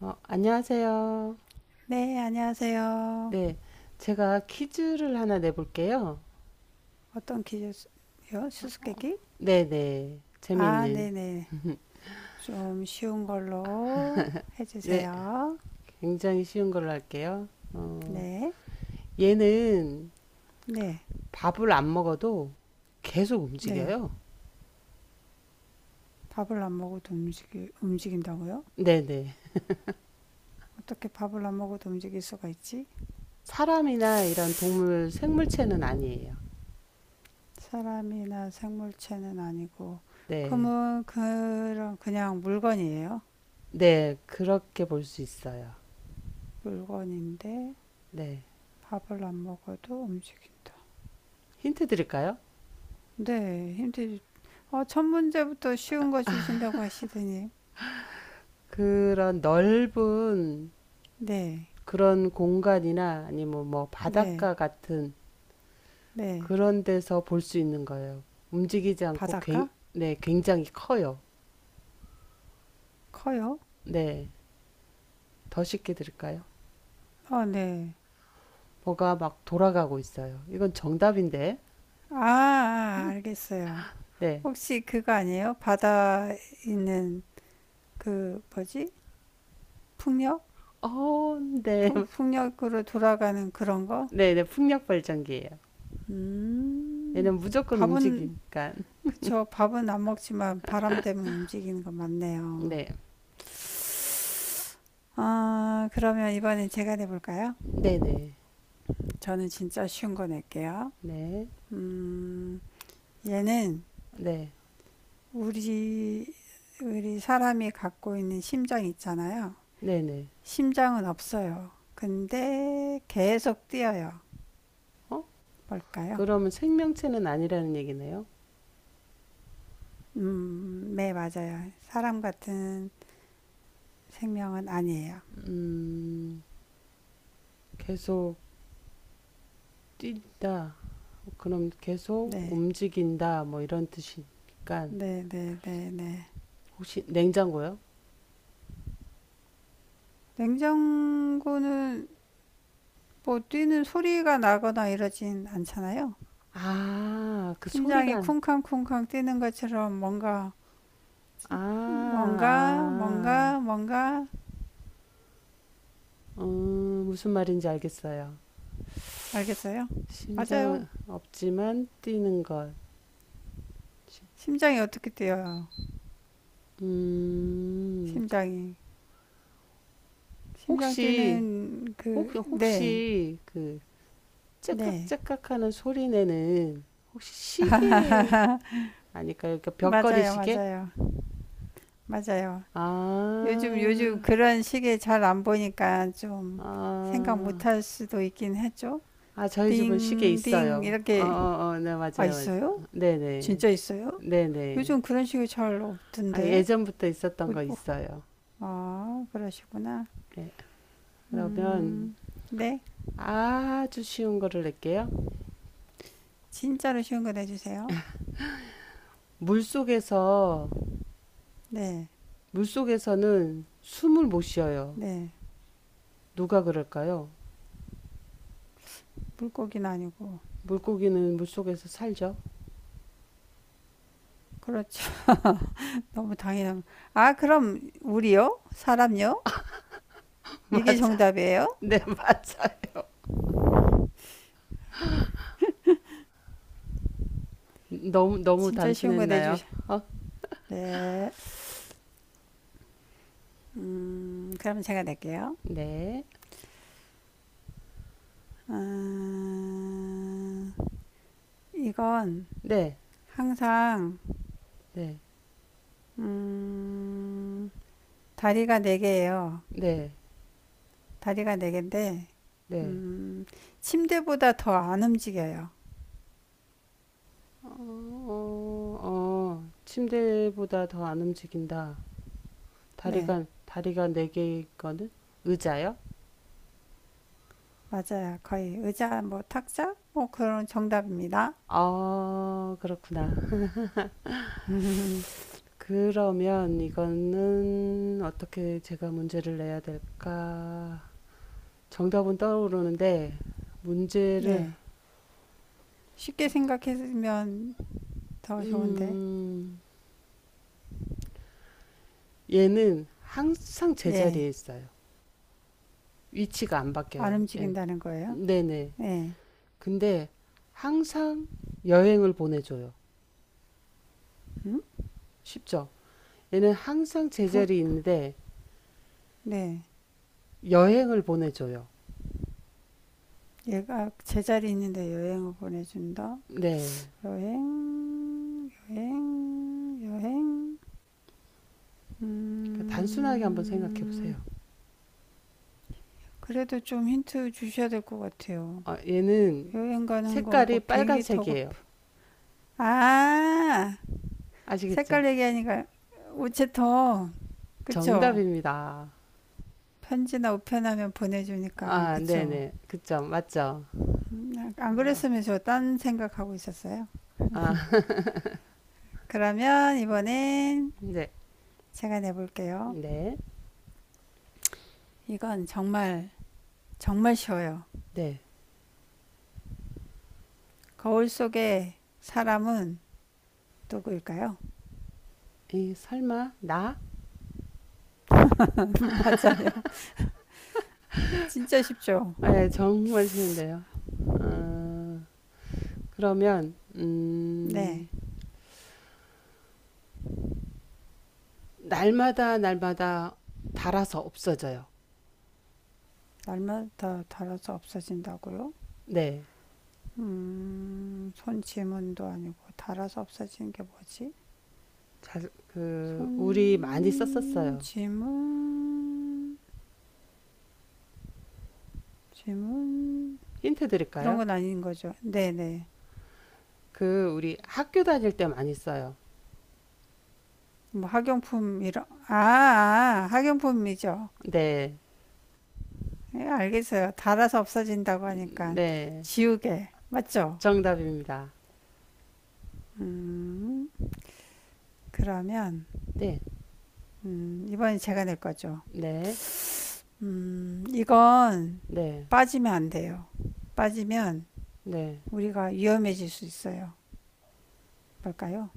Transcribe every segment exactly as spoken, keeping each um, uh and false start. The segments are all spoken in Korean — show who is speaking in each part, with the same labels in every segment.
Speaker 1: 어, 안녕하세요.
Speaker 2: 네, 안녕하세요.
Speaker 1: 네, 제가 퀴즈를 하나 내볼게요.
Speaker 2: 어떤 퀴즈요? 수수께끼?
Speaker 1: 네네,
Speaker 2: 아,
Speaker 1: 재미있는.
Speaker 2: 네네. 좀 쉬운 걸로
Speaker 1: 네,
Speaker 2: 해주세요.
Speaker 1: 굉장히 쉬운 걸로 할게요. 어,
Speaker 2: 네,
Speaker 1: 얘는
Speaker 2: 네,
Speaker 1: 밥을 안 먹어도 계속
Speaker 2: 네.
Speaker 1: 움직여요.
Speaker 2: 밥을 안 먹어도 움직이, 움직인다고요?
Speaker 1: 네네.
Speaker 2: 어떻게 밥을 안 먹어도 움직일 수가 있지?
Speaker 1: 사람이나 이런 동물 생물체는 아니에요.
Speaker 2: 사람이나 생물체는 아니고,
Speaker 1: 네,
Speaker 2: 그러면 그런 그냥 물건이에요.
Speaker 1: 네, 그렇게 볼 수 있어요.
Speaker 2: 물건인데
Speaker 1: 네,
Speaker 2: 밥을 안 먹어도 움직인다.
Speaker 1: 힌트 드릴까요?
Speaker 2: 네, 힘들지. 어, 첫 문제부터 쉬운 거 주신다고 하시더니.
Speaker 1: 그런 넓은
Speaker 2: 네,
Speaker 1: 그런 공간이나 아니면 뭐
Speaker 2: 네,
Speaker 1: 바닷가 같은
Speaker 2: 네.
Speaker 1: 그런 데서 볼 수 있는 거예요. 움직이지 않고, 굉,
Speaker 2: 바닷가?
Speaker 1: 네, 굉장히 커요.
Speaker 2: 커요?
Speaker 1: 네, 더 쉽게 드릴까요?
Speaker 2: 어, 네.
Speaker 1: 뭐가 막 돌아가고 있어요. 이건 정답인데,
Speaker 2: 아, 아, 알겠어요.
Speaker 1: 네.
Speaker 2: 혹시 그거 아니에요? 바다 있는 그 뭐지? 풍력?
Speaker 1: 어, 네.
Speaker 2: 풍, 풍력으로 돌아가는 그런 거?
Speaker 1: 네, 네, 풍력 발전기예요.
Speaker 2: 음,
Speaker 1: 얘는 무조건
Speaker 2: 밥은.
Speaker 1: 움직이니까.
Speaker 2: 그쵸. 밥은 안 먹지만 바람 때문에 움직이는 거 맞네요.
Speaker 1: 네,
Speaker 2: 아, 그러면 이번엔 제가 내볼까요?
Speaker 1: 네, 네,
Speaker 2: 저는 진짜 쉬운 거 낼게요.
Speaker 1: 네,
Speaker 2: 음, 얘는
Speaker 1: 네,
Speaker 2: 우리, 우리 사람이 갖고 있는 심장 있잖아요.
Speaker 1: 네, 네.
Speaker 2: 심장은 없어요. 근데 계속 뛰어요.
Speaker 1: 어?
Speaker 2: 뭘까요?
Speaker 1: 그러면 생명체는 아니라는 얘기네요.
Speaker 2: 음, 네, 맞아요. 사람 같은 생명은 아니에요.
Speaker 1: 음, 계속 뛴다. 그럼 계속
Speaker 2: 네,
Speaker 1: 움직인다. 뭐 이런 뜻이니까.
Speaker 2: 네, 네, 네, 네.
Speaker 1: 혹시 냉장고요?
Speaker 2: 냉장고는 뭐 뛰는 소리가 나거나 이러진 않잖아요.
Speaker 1: 아, 그
Speaker 2: 심장이
Speaker 1: 소리가.
Speaker 2: 쿵쾅쿵쾅 뛰는 것처럼 뭔가,
Speaker 1: 아,
Speaker 2: 뭔가, 뭔가,
Speaker 1: 아.
Speaker 2: 뭔가.
Speaker 1: 음, 무슨 말인지 알겠어요.
Speaker 2: 알겠어요? 맞아요.
Speaker 1: 심장은 없지만 뛰는 것.
Speaker 2: 심장이 어떻게 뛰어요?
Speaker 1: 음, 그-
Speaker 2: 심장이. 심장
Speaker 1: 혹시,
Speaker 2: 뛰는
Speaker 1: 혹,
Speaker 2: 그, 네,
Speaker 1: 혹시 그
Speaker 2: 네.
Speaker 1: 째깍째깍 하는 소리 내는 혹시 시계 아닐까요? 그 벽걸이
Speaker 2: 맞아요,
Speaker 1: 시계?
Speaker 2: 맞아요, 맞아요.
Speaker 1: 아,
Speaker 2: 요즘, 요즘 그런 시계 잘 안 보니까 좀 생각
Speaker 1: 아,
Speaker 2: 못 할 수도 있긴 했죠.
Speaker 1: 아, 저희 집은 시계
Speaker 2: 딩, 딩,
Speaker 1: 있어요. 어, 어,
Speaker 2: 이렇게.
Speaker 1: 어, 네,
Speaker 2: 아,
Speaker 1: 맞아요, 맞아요.
Speaker 2: 있어요?
Speaker 1: 네네.
Speaker 2: 진짜 있어요?
Speaker 1: 네네.
Speaker 2: 요즘 그런 시계 잘
Speaker 1: 아,
Speaker 2: 없던데.
Speaker 1: 예전부터 있었던
Speaker 2: 어디-
Speaker 1: 거
Speaker 2: 어,
Speaker 1: 있어요.
Speaker 2: 아, 그러시구나.
Speaker 1: 네. 그러면
Speaker 2: 음, 네.
Speaker 1: 아주 쉬운 거를 낼게요.
Speaker 2: 진짜로 쉬운 거 내주세요.
Speaker 1: 물 속에서,
Speaker 2: 네,
Speaker 1: 물 속에서는 숨을 못 쉬어요.
Speaker 2: 네.
Speaker 1: 누가 그럴까요?
Speaker 2: 물고기는 아니고.
Speaker 1: 물고기는 물 속에서 살죠.
Speaker 2: 그렇죠. 너무 당연한. 아, 그럼 우리요? 사람요? 이게
Speaker 1: 맞아.
Speaker 2: 정답이에요?
Speaker 1: 네, 맞아요. 너무, 너무
Speaker 2: 진짜 쉬운 거
Speaker 1: 단순했나요?
Speaker 2: 내주셔.
Speaker 1: 어?
Speaker 2: 네. 음, 그럼 제가 낼게요.
Speaker 1: 네.
Speaker 2: 음, 이건
Speaker 1: 네,
Speaker 2: 항상
Speaker 1: 네,
Speaker 2: 다리가 네 개예요.
Speaker 1: 네,
Speaker 2: 다리가 네 개인데,
Speaker 1: 네.
Speaker 2: 음, 침대보다 더 안 움직여요.
Speaker 1: 어, 어, 어. 침대보다 더 안 움직인다.
Speaker 2: 네,
Speaker 1: 다리가, 다리가 네 개일 거는 의자요?
Speaker 2: 맞아요. 거의 의자, 뭐 탁자, 뭐 그런 정답입니다.
Speaker 1: 아, 그렇구나. 그러면 이거는 어떻게 제가 문제를 내야 될까? 정답은 떠오르는데, 문제를,
Speaker 2: 네, 쉽게 생각했으면 더 좋은데.
Speaker 1: 음, 얘는 항상
Speaker 2: 예.
Speaker 1: 제자리에 있어요. 위치가 안
Speaker 2: 안
Speaker 1: 바뀌어요, 얘는.
Speaker 2: 움직인다는 거예요?
Speaker 1: 네네.
Speaker 2: 네.
Speaker 1: 근데 항상 여행을 보내줘요. 쉽죠? 얘는 항상
Speaker 2: 부,
Speaker 1: 제자리에 있는데
Speaker 2: 네.
Speaker 1: 여행을 보내줘요.
Speaker 2: 얘가 제자리 있는데 여행을 보내준다.
Speaker 1: 네.
Speaker 2: 여행, 여행, 여행.
Speaker 1: 그러니까 단순하게 한번 생각해
Speaker 2: 음,
Speaker 1: 보세요.
Speaker 2: 그래도 좀 힌트 주셔야 될 것 같아요.
Speaker 1: 어, 얘는
Speaker 2: 여행 가는 건 뭐
Speaker 1: 색깔이
Speaker 2: 비행기 타고.
Speaker 1: 빨간색이에요.
Speaker 2: 아,
Speaker 1: 아시겠죠?
Speaker 2: 색깔 얘기하니까 우체통. 그쵸?
Speaker 1: 정답입니다.
Speaker 2: 편지나 우편하면 보내주니까.
Speaker 1: 아,
Speaker 2: 그쵸?
Speaker 1: 네네. 그쵸. 맞죠?
Speaker 2: 안 그랬으면 저 딴 생각하고 있었어요.
Speaker 1: 아,
Speaker 2: 그러면 이번엔
Speaker 1: 네.
Speaker 2: 제가 내볼게요.
Speaker 1: 네.
Speaker 2: 이건 정말 정말 쉬워요.
Speaker 1: 네.
Speaker 2: 거울 속의 사람은 누구일까요?
Speaker 1: 이, 설마, 나?
Speaker 2: 맞아요. 진짜 쉽죠?
Speaker 1: 아, 예, 정말 쉬운데요. 아, 그러면,
Speaker 2: 네.
Speaker 1: 음, 날마다, 날마다 닳아서 없어져요.
Speaker 2: 날마다 다 달아서 없어진다고요?
Speaker 1: 네.
Speaker 2: 음, 손 지문도 아니고 달아서 없어지는 게 뭐지?
Speaker 1: 자, 그, 우리 많이
Speaker 2: 손
Speaker 1: 썼었어요.
Speaker 2: 지문. 지문
Speaker 1: 힌트
Speaker 2: 그런
Speaker 1: 드릴까요?
Speaker 2: 건 아닌 거죠. 네네.
Speaker 1: 그, 우리 학교 다닐 때 많이 써요.
Speaker 2: 뭐 학용품 이런. 아, 아 학용품이죠.
Speaker 1: 네.
Speaker 2: 예, 알겠어요. 달아서 없어진다고 하니까
Speaker 1: 네.
Speaker 2: 지우개 맞죠?
Speaker 1: 정답입니다.
Speaker 2: 음, 그러면.
Speaker 1: 네,
Speaker 2: 음, 이번엔 제가 낼 거죠.
Speaker 1: 네,
Speaker 2: 음, 이건
Speaker 1: 네,
Speaker 2: 빠지면 안 돼요. 빠지면
Speaker 1: 네.
Speaker 2: 우리가 위험해질 수 있어요. 볼까요.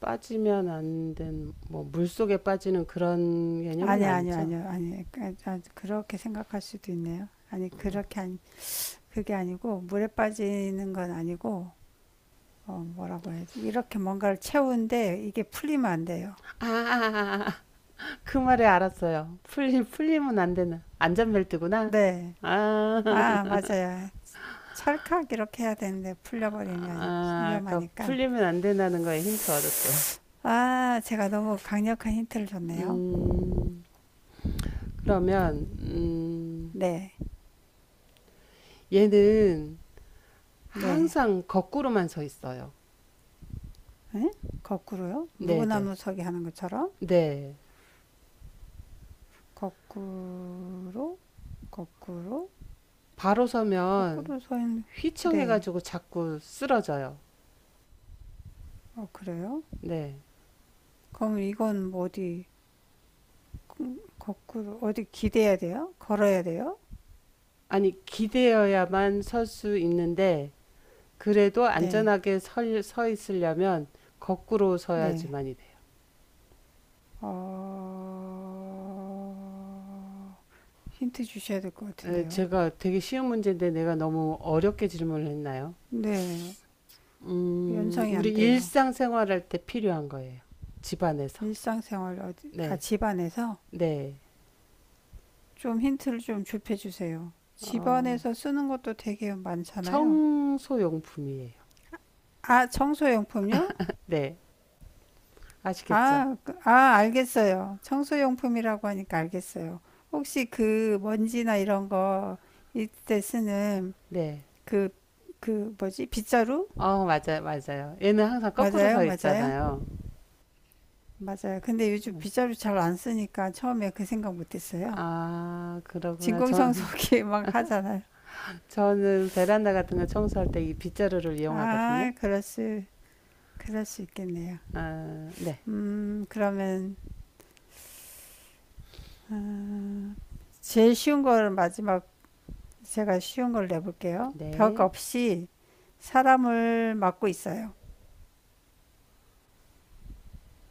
Speaker 1: 빠지면 안 된, 뭐, 물 속에 빠지는 그런 개념은
Speaker 2: 아니, 아니요,
Speaker 1: 아니죠.
Speaker 2: 아니요, 아니 요 그렇게 생각할 수도 있네요. 아니 그렇게 아니. 그게 아니고 물에 빠지는 건 아니고, 어, 뭐라고 해야지, 이렇게 뭔가를 채우는데 이게 풀리면 안 돼요.
Speaker 1: 아, 아, 아, 아, 그 말에 알았어요. 풀리, 풀리면 안 되는, 안전벨트구나.
Speaker 2: 네.
Speaker 1: 아,
Speaker 2: 아, 맞아요. 찰칵 이렇게 해야 되는데 풀려버리면
Speaker 1: 아, 아까
Speaker 2: 위험하니까.
Speaker 1: 풀리면 안 된다는 거에 힌트 얻었어요.
Speaker 2: 아, 제가 너무 강력한 힌트를 줬네요.
Speaker 1: 음, 그러면, 음,
Speaker 2: 네,
Speaker 1: 얘는
Speaker 2: 네.
Speaker 1: 항상 거꾸로만 서 있어요.
Speaker 2: 응? 거꾸로요?
Speaker 1: 네네. 네.
Speaker 2: 물구나무 서기 하는 것처럼?
Speaker 1: 네.
Speaker 2: 거꾸로, 거꾸로,
Speaker 1: 바로 서면
Speaker 2: 거꾸로 서 있는. 네.
Speaker 1: 휘청해가지고 자꾸 쓰러져요.
Speaker 2: 어, 그래요?
Speaker 1: 네.
Speaker 2: 그럼 이건 뭐 어디, 거꾸로, 어디 기대야 돼요? 걸어야 돼요?
Speaker 1: 아니, 기대어야만 설 수 있는데, 그래도
Speaker 2: 네,
Speaker 1: 안전하게 설, 서 있으려면 거꾸로
Speaker 2: 네.
Speaker 1: 서야지만이 돼요.
Speaker 2: 어, 힌트 주셔야 될 것
Speaker 1: 에,
Speaker 2: 같은데요.
Speaker 1: 제가 되게 쉬운 문제인데 내가 너무 어렵게 질문을 했나요?
Speaker 2: 네,
Speaker 1: 음,
Speaker 2: 연상이 안
Speaker 1: 우리
Speaker 2: 돼요.
Speaker 1: 일상생활할 때 필요한 거예요. 집안에서.
Speaker 2: 일상생활 어디, 아,
Speaker 1: 네.
Speaker 2: 집안에서.
Speaker 1: 네.
Speaker 2: 좀 힌트를 좀 좁혀주세요.
Speaker 1: 어,
Speaker 2: 집안에서 쓰는 것도 되게 많잖아요.
Speaker 1: 청소용품이에요.
Speaker 2: 아, 청소용품요?
Speaker 1: 네. 아시겠죠?
Speaker 2: 아, 그- 아, 알겠어요. 청소용품이라고 하니까 알겠어요. 혹시 그 먼지나 이런 거 이때 쓰는
Speaker 1: 네.
Speaker 2: 그, 그 뭐지? 빗자루?
Speaker 1: 어, 맞아요. 맞아요. 얘는 항상 거꾸로
Speaker 2: 맞아요,
Speaker 1: 서
Speaker 2: 맞아요,
Speaker 1: 있잖아요.
Speaker 2: 맞아요. 근데 요즘
Speaker 1: 네.
Speaker 2: 빗자루 잘 안 쓰니까 처음에 그 생각 못 했어요.
Speaker 1: 아, 그러구나. 저,
Speaker 2: 진공청소기 막 하잖아요.
Speaker 1: 저는 베란다 같은 거 청소할 때 이 빗자루를 이용하거든요.
Speaker 2: 아, 그렇스. 그럴 수 있겠네요.
Speaker 1: 아, 네,
Speaker 2: 음, 그러면 제일 쉬운 걸 마지막. 제가 쉬운 걸 내볼게요. 벽
Speaker 1: 네.
Speaker 2: 없이 사람을 막고 있어요.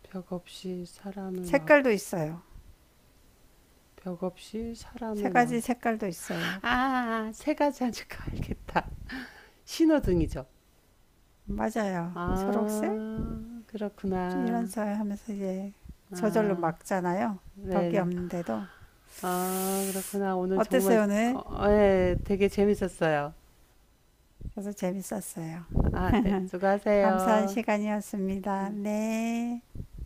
Speaker 1: 벽 없이 사람을 막,
Speaker 2: 색깔도 있어요.
Speaker 1: 벽 없이
Speaker 2: 세
Speaker 1: 사람을 막.
Speaker 2: 가지 색깔도 있어요.
Speaker 1: 아, 아, 아, 세 가지 하니까 알겠다. 신호등이죠.
Speaker 2: 맞아요. 초록색?
Speaker 1: 아,
Speaker 2: 이런
Speaker 1: 그렇구나.
Speaker 2: 사 하면서 이제 저절로
Speaker 1: 아,
Speaker 2: 막잖아요. 벽이
Speaker 1: 네네.
Speaker 2: 없는데도.
Speaker 1: 아, 그렇구나. 오늘 정말,
Speaker 2: 어땠어요,
Speaker 1: 어,
Speaker 2: 오늘?
Speaker 1: 어, 예, 되게 재밌었어요.
Speaker 2: 저도 재밌었어요.
Speaker 1: 아, 네.
Speaker 2: 감사한
Speaker 1: 수고하세요.
Speaker 2: 시간이었습니다.
Speaker 1: 음.
Speaker 2: 네.